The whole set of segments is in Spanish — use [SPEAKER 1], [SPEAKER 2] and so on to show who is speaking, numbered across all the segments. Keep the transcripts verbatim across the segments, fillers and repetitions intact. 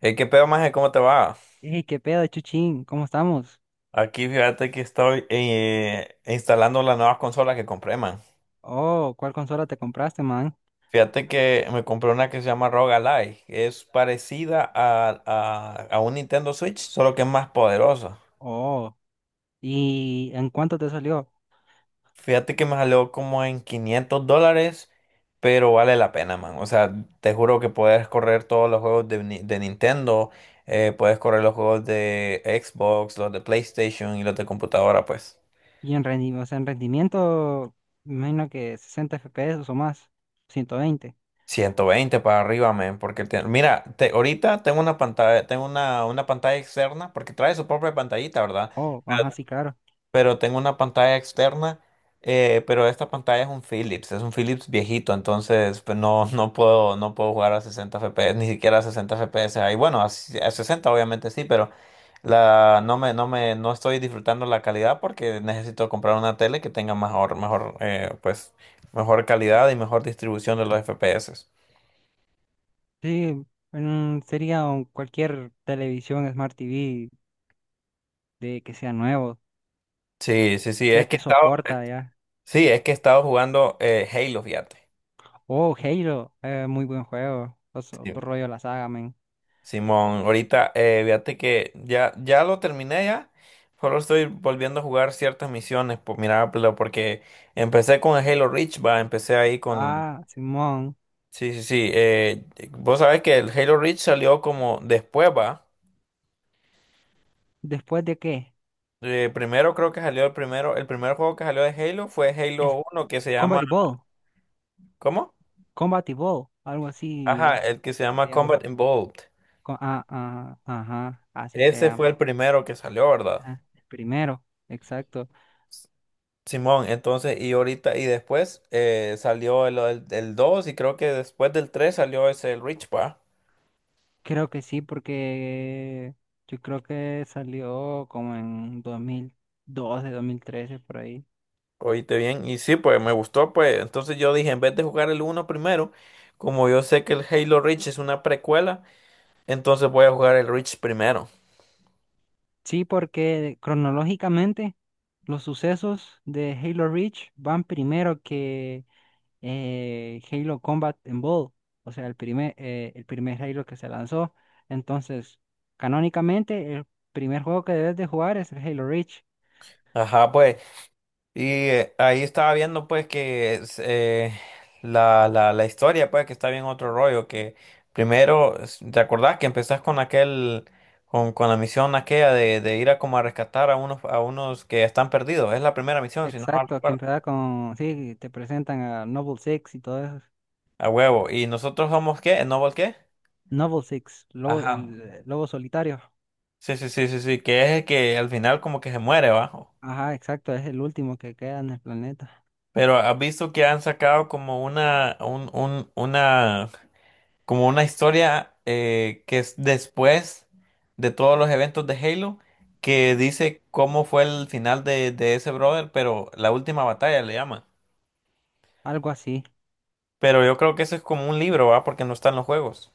[SPEAKER 1] Eh, ¿qué pedo, maje? ¿Cómo te va?
[SPEAKER 2] Ey, qué pedo, Chuchín, ¿cómo estamos?
[SPEAKER 1] Aquí fíjate que estoy eh, instalando las nuevas consolas que compré, man.
[SPEAKER 2] Oh, ¿cuál consola te compraste, man?
[SPEAKER 1] Fíjate que me compré una que se llama ROG Ally. Es parecida a, a, a un Nintendo Switch, solo que es más poderosa.
[SPEAKER 2] Oh, ¿y en cuánto te salió?
[SPEAKER 1] Fíjate que me salió como en quinientos dólares, pero vale la pena, man. O sea, te juro que puedes correr todos los juegos de, Ni- de Nintendo, eh, puedes correr los juegos de Xbox, los de PlayStation y los de computadora, pues.
[SPEAKER 2] Y en rendimiento, o sea, en rendimiento, me imagino que sesenta F P S o más, ciento veinte.
[SPEAKER 1] ciento veinte para arriba, men, porque te- mira, te- ahorita tengo una pantalla, tengo una, una pantalla externa, porque trae su propia pantallita, ¿verdad?
[SPEAKER 2] Oh, ajá, sí, claro.
[SPEAKER 1] Pero tengo una pantalla externa, eh, pero esta pantalla es un Philips, es un Philips viejito, entonces pues, no, no puedo, no puedo jugar a sesenta F P S, ni siquiera a sesenta F P S ahí. Bueno, a, si, a sesenta obviamente sí, pero la, no me, no me, no estoy disfrutando la calidad porque necesito comprar una tele que tenga mejor, mejor, eh, pues, mejor calidad y mejor distribución de los F P S.
[SPEAKER 2] Sí, mm, sería un- cualquier televisión Smart T V de que sea nuevo,
[SPEAKER 1] Sí, sí, sí,
[SPEAKER 2] ya
[SPEAKER 1] es que he
[SPEAKER 2] te
[SPEAKER 1] estado, eh,
[SPEAKER 2] soporta, ya.
[SPEAKER 1] sí, es que he estado jugando eh, Halo, fíjate.
[SPEAKER 2] Oh, Halo, eh, muy buen juego, es
[SPEAKER 1] Sí.
[SPEAKER 2] otro rollo la saga, man.
[SPEAKER 1] Simón, ahorita, eh, fíjate que ya, ya lo terminé ya, solo estoy volviendo a jugar ciertas misiones, por, mira, pero porque empecé con el Halo Reach, va, empecé ahí con,
[SPEAKER 2] Ah, Simón,
[SPEAKER 1] sí, sí, sí, eh, vos sabés que el Halo Reach salió como después, va.
[SPEAKER 2] ¿después de qué?
[SPEAKER 1] Eh, primero creo que salió el primero, el primer juego que salió de Halo fue
[SPEAKER 2] Es
[SPEAKER 1] Halo uno que se llama,
[SPEAKER 2] Combat Ball.
[SPEAKER 1] ¿cómo?
[SPEAKER 2] Combat Evolved, algo
[SPEAKER 1] Ajá,
[SPEAKER 2] así
[SPEAKER 1] el que se
[SPEAKER 2] se
[SPEAKER 1] llama
[SPEAKER 2] llama.
[SPEAKER 1] Combat Involved.
[SPEAKER 2] Co- ah, ah, ajá, así se
[SPEAKER 1] Ese
[SPEAKER 2] llama.
[SPEAKER 1] fue el primero que salió, ¿verdad?
[SPEAKER 2] Ah, el primero, exacto.
[SPEAKER 1] Simón, entonces, y ahorita, y después eh, salió el, el, el dos y creo que después del tres salió ese el Rich, pa.
[SPEAKER 2] Creo que sí, porque yo creo que salió como en dos mil doce, dos mil trece, por ahí.
[SPEAKER 1] Oíste bien, y sí, pues me gustó, pues. Entonces yo dije, en vez de jugar el uno primero, como yo sé que el Halo Reach es una precuela, entonces voy a jugar el Reach primero.
[SPEAKER 2] Sí, porque cronológicamente los sucesos de Halo Reach van primero que eh, Halo Combat Evolved, o sea, el primer, eh, el primer Halo que se lanzó. Entonces, canónicamente, el primer juego que debes de jugar es el Halo Reach.
[SPEAKER 1] Ajá, pues. Y eh, ahí estaba viendo pues que es, eh, la, la, la historia pues que está bien otro rollo, que primero, es- ¿te acordás que empezás con aquel, con, con la misión aquella de, de ir a como a rescatar a unos, a unos que están perdidos? Es la primera misión, si no mal
[SPEAKER 2] Exacto, aquí
[SPEAKER 1] recuerdo.
[SPEAKER 2] empieza con, sí, te presentan a Noble Six y todo eso.
[SPEAKER 1] A huevo. ¿Y nosotros somos qué? ¿Noble qué?
[SPEAKER 2] Noble Six, lobo,
[SPEAKER 1] Ajá.
[SPEAKER 2] el eh, lobo solitario.
[SPEAKER 1] Sí, sí, sí, sí, sí, que es el que al final como que se muere, bajo.
[SPEAKER 2] Ajá, exacto, es el último que queda en el planeta.
[SPEAKER 1] Pero has visto que han sacado como una, un, un, una como una historia eh, que es después de todos los eventos de Halo, que dice cómo fue el final de, de ese brother, pero la última batalla le llama.
[SPEAKER 2] Algo así.
[SPEAKER 1] Pero yo creo que eso es como un libro, ¿va? Porque no están los juegos.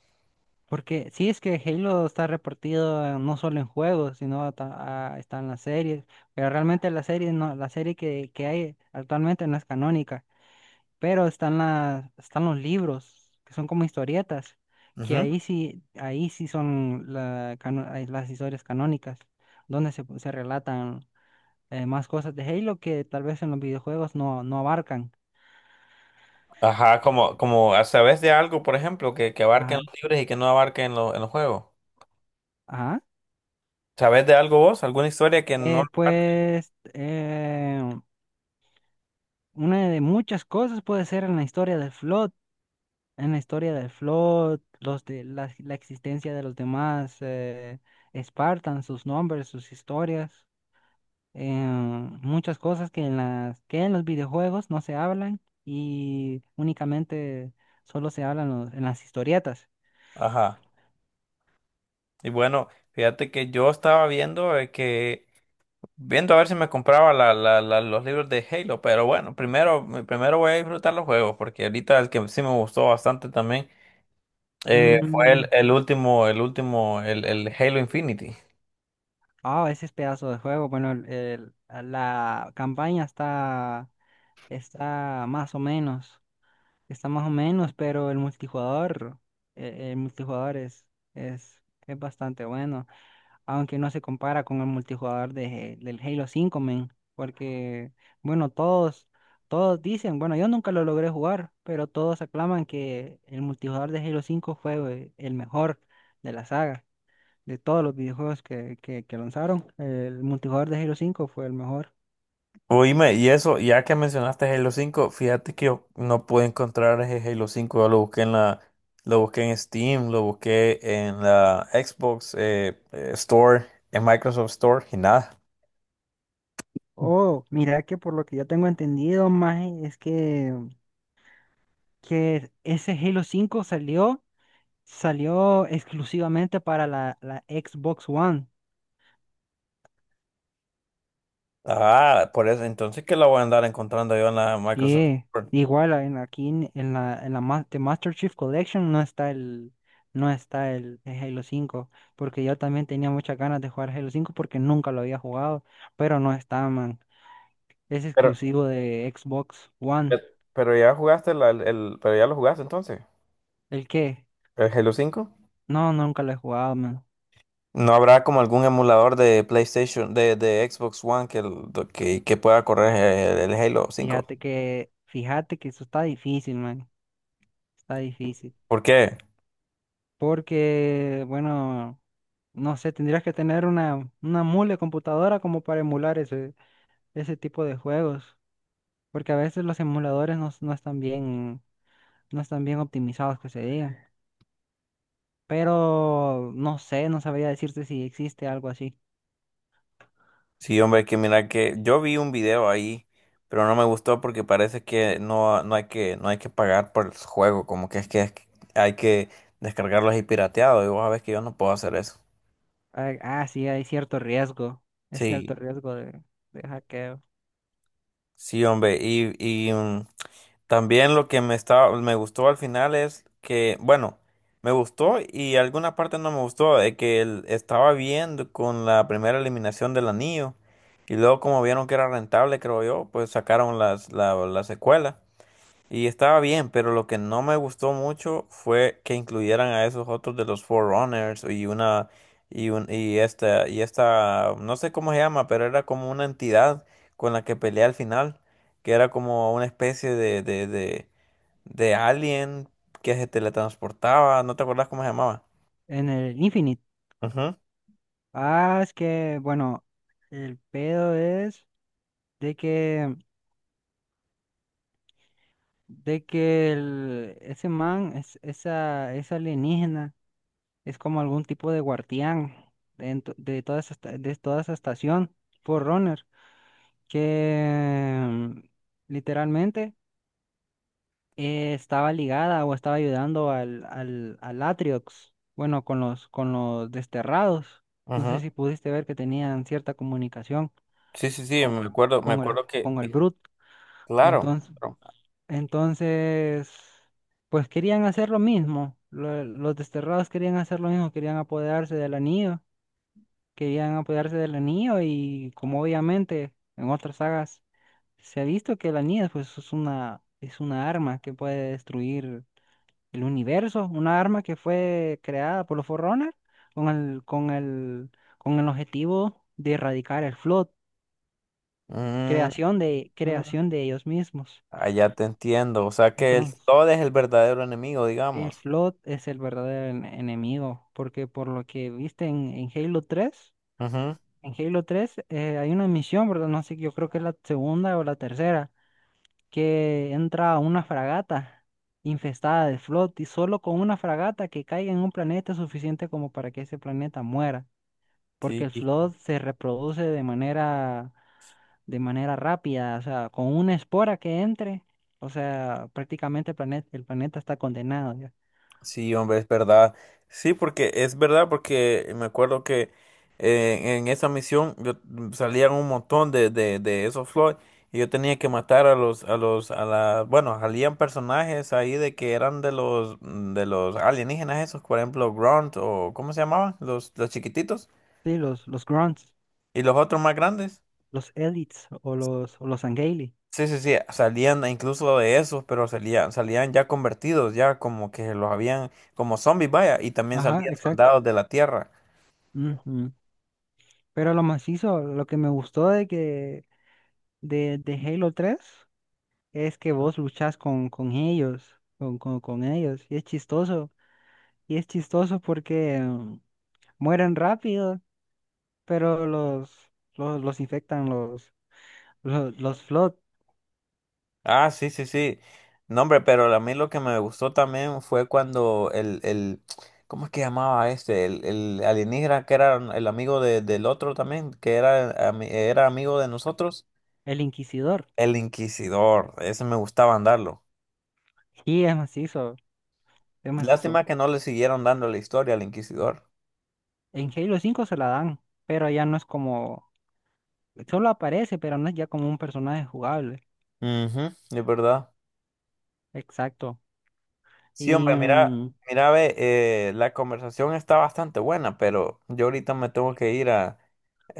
[SPEAKER 2] Porque sí es que Halo está repartido eh, no solo en juegos, sino ta- ah, está en las series. Pero realmente la serie no, la serie que, que hay actualmente no es canónica. Pero están las, están los libros, que son como historietas, que
[SPEAKER 1] Ujú.
[SPEAKER 2] ahí sí, ahí sí son la cano- ay, las historias canónicas, donde se, se relatan eh, más cosas de Halo que tal vez en los videojuegos no, no abarcan.
[SPEAKER 1] Ajá, como, como sabes de algo, por ejemplo, que, que abarque en
[SPEAKER 2] Ajá.
[SPEAKER 1] los libros y que no abarque en, lo- en los juegos.
[SPEAKER 2] Ajá.
[SPEAKER 1] ¿Sabes de algo vos? ¿Alguna historia que no
[SPEAKER 2] Eh,
[SPEAKER 1] abarque?
[SPEAKER 2] pues eh, Una de muchas cosas puede ser en la historia del Flood, en la historia del Flood, los de la, la existencia de los demás eh, Spartans, sus nombres, sus historias, eh, muchas cosas que en las que en los videojuegos no se hablan y únicamente solo se hablan los- en las historietas.
[SPEAKER 1] Ajá. Y bueno, fíjate que yo estaba viendo eh, que viendo a ver si me compraba la- la- la- los libros de Halo, pero bueno, primero, primero voy a disfrutar los juegos, porque ahorita el que sí me gustó bastante también eh, fue el,
[SPEAKER 2] Mm.
[SPEAKER 1] el último, el último, el, el Halo Infinity.
[SPEAKER 2] Ah, ese es pedazo de juego. Bueno, el- el- la campaña está está más o menos. Está más o menos, pero el multijugador, eh, el multijugador es, es, es bastante bueno, aunque no se compara con el multijugador de, del Halo cinco, men, porque, bueno, todos, todos dicen, bueno, yo nunca lo logré jugar, pero todos aclaman que el multijugador de Halo cinco fue el mejor de la saga, de todos los videojuegos que, que, que lanzaron, el multijugador de Halo cinco fue el mejor.
[SPEAKER 1] Oíme, y eso, ya que mencionaste Halo cinco fíjate que yo no pude encontrar ese Halo cinco yo lo busqué en la, lo busqué en Steam, lo busqué en la Xbox eh, eh, Store, en Microsoft Store, y nada.
[SPEAKER 2] Oh, mira que por lo que yo tengo entendido, más es que que ese Halo cinco salió, salió exclusivamente para la, la Xbox One.
[SPEAKER 1] Ah, por eso, entonces que lo voy a andar encontrando yo en la Microsoft
[SPEAKER 2] Sí, igual en, aquí en, en la, en la Ma- de Master Chief Collection no está el, no está el, el Halo cinco, porque yo también tenía muchas ganas de jugar Halo cinco porque nunca lo había jugado, pero no está, man. Es
[SPEAKER 1] Store.
[SPEAKER 2] exclusivo de Xbox One.
[SPEAKER 1] Pe- Pero ya jugaste la- el, el- pero ya lo jugaste entonces.
[SPEAKER 2] ¿El qué?
[SPEAKER 1] ¿El Halo cinco?
[SPEAKER 2] No, nunca lo he jugado, man.
[SPEAKER 1] ¿No habrá como algún emulador de PlayStation, de, de Xbox One que, el- que, que pueda correr el, el Halo cinco?
[SPEAKER 2] Fíjate que, fíjate que eso está difícil, man. Está difícil.
[SPEAKER 1] ¿Por qué?
[SPEAKER 2] Porque, bueno, no sé, tendrías que tener una, una mule computadora como para emular ese, ese tipo de juegos. Porque a veces los emuladores no, no están bien, no están bien optimizados que se diga. Pero no sé, no sabría decirte si existe algo así.
[SPEAKER 1] Sí, hombre, que mira que yo vi un video ahí, pero no me gustó porque parece que no, no hay que, no hay que pagar por el juego, como que es que hay que descargarlo ahí pirateado, y vos sabés que yo no puedo hacer eso.
[SPEAKER 2] Ah, ah, sí, hay cierto riesgo. Es cierto
[SPEAKER 1] Sí,
[SPEAKER 2] riesgo de, de hackeo.
[SPEAKER 1] sí, hombre, y, y, mm, también lo que me estaba, me gustó al final es que, bueno, me gustó y alguna parte no me gustó, de que él estaba viendo con la primera eliminación del anillo y luego como vieron que era rentable, creo yo, pues sacaron las, la, la secuela. Y estaba bien, pero lo que no me gustó mucho fue que incluyeran a esos otros de los Forerunners y una y un y esta y esta no sé cómo se llama, pero era como una entidad con la que peleé al final, que era como una especie de de de, de alien que se teletransportaba, ¿no te acordás cómo se llamaba?
[SPEAKER 2] En el Infinite.
[SPEAKER 1] Ujú,
[SPEAKER 2] Ah, es que, bueno, el pedo es de que de que el- ese man, es, esa, esa alienígena, es como algún tipo de guardián dentro- de, toda esa, esta- de toda esa estación, Forerunner, que mm, literalmente eh, estaba ligada o estaba ayudando al, al, al Atriox, bueno, con los, con los desterrados. No sé
[SPEAKER 1] ujú.
[SPEAKER 2] si pudiste ver que tenían cierta comunicación
[SPEAKER 1] Sí, sí, sí,
[SPEAKER 2] con,
[SPEAKER 1] me acuerdo, me
[SPEAKER 2] con el,
[SPEAKER 1] acuerdo que
[SPEAKER 2] con el
[SPEAKER 1] eh,
[SPEAKER 2] Brute.
[SPEAKER 1] claro.
[SPEAKER 2] Entonces.
[SPEAKER 1] Claro.
[SPEAKER 2] Entonces, pues querían hacer lo mismo. Lo- los desterrados querían hacer lo mismo, querían apoderarse del anillo, querían apoderarse del anillo y como obviamente en otras sagas se ha visto que el anillo pues es una es una arma que puede destruir el universo, una arma que fue creada por los Forerunner con el con el con el objetivo de erradicar el Flood,
[SPEAKER 1] Mm,
[SPEAKER 2] creación de creación de ellos mismos.
[SPEAKER 1] allá te entiendo, o sea que el
[SPEAKER 2] Entonces,
[SPEAKER 1] Todd es el verdadero enemigo,
[SPEAKER 2] el
[SPEAKER 1] digamos.
[SPEAKER 2] Flood es el verdadero en- enemigo, porque por lo que viste en, en Halo tres,
[SPEAKER 1] Ujú,
[SPEAKER 2] en Halo tres eh, hay una misión, ¿verdad? No sé, yo creo que es la segunda o la tercera, que entra a una fragata infestada de Flood y solo con una fragata que caiga en un planeta es suficiente como para que ese planeta muera, porque
[SPEAKER 1] sí,
[SPEAKER 2] el
[SPEAKER 1] hijo.
[SPEAKER 2] Flood se reproduce de manera, de manera rápida, o sea, con una espora que entre, o sea, prácticamente el planeta, el planeta está condenado ya.
[SPEAKER 1] Sí, hombre, es verdad. Sí, porque es verdad, porque me acuerdo que eh, en esa misión yo, mm, salían un montón de, de, de esos Floyd y yo tenía que matar a los, a los, a la, bueno, salían personajes ahí de que eran de los, mm, de los alienígenas esos, por ejemplo, Grunt o ¿cómo se llamaban? Los, los chiquititos
[SPEAKER 2] Sí, los, los Grunts.
[SPEAKER 1] y los otros más grandes.
[SPEAKER 2] Los Elites o los, o los Sangheili.
[SPEAKER 1] Sí, sí, sí, salían incluso de esos, pero salían, salían ya convertidos, ya como que los habían, como zombies, vaya, y también
[SPEAKER 2] Ajá,
[SPEAKER 1] salían
[SPEAKER 2] exacto.
[SPEAKER 1] soldados de la tierra.
[SPEAKER 2] Ujú. Pero lo macizo, lo que me gustó de que de, de Halo tres es que vos luchás con, con ellos, con, con, con ellos. Y es chistoso. Y es chistoso porque mm, mueren rápido, pero los, los, los infectan los, los, los Flood,
[SPEAKER 1] Ah, sí, sí, sí. No, hombre, pero a mí lo que me gustó también fue cuando el, el, ¿cómo es que llamaba este? El, el alienígena que era el amigo de- del otro también, que era, ami- era amigo de nosotros,
[SPEAKER 2] el Inquisidor.
[SPEAKER 1] el Inquisidor, ese me gustaba andarlo.
[SPEAKER 2] Y es macizo, es macizo.
[SPEAKER 1] Lástima que no le siguieron dando la historia al Inquisidor.
[SPEAKER 2] En Halo cinco se la dan, pero ya no es como, solo aparece, pero no es ya como un personaje jugable.
[SPEAKER 1] Mhm, es verdad.
[SPEAKER 2] Exacto.
[SPEAKER 1] Sí,
[SPEAKER 2] Y,
[SPEAKER 1] hombre, mira,
[SPEAKER 2] mm,
[SPEAKER 1] mira, ve, eh, la conversación está bastante buena, pero yo ahorita me tengo que ir a,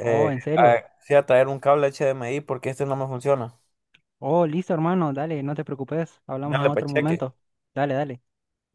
[SPEAKER 2] oh, en
[SPEAKER 1] a,
[SPEAKER 2] serio.
[SPEAKER 1] sí, a traer un cable H D M I porque este no me funciona.
[SPEAKER 2] Oh, listo, hermano. Dale, no te preocupes. Hablamos en
[SPEAKER 1] Dale, pues
[SPEAKER 2] otro
[SPEAKER 1] cheque.
[SPEAKER 2] momento. Dale, dale.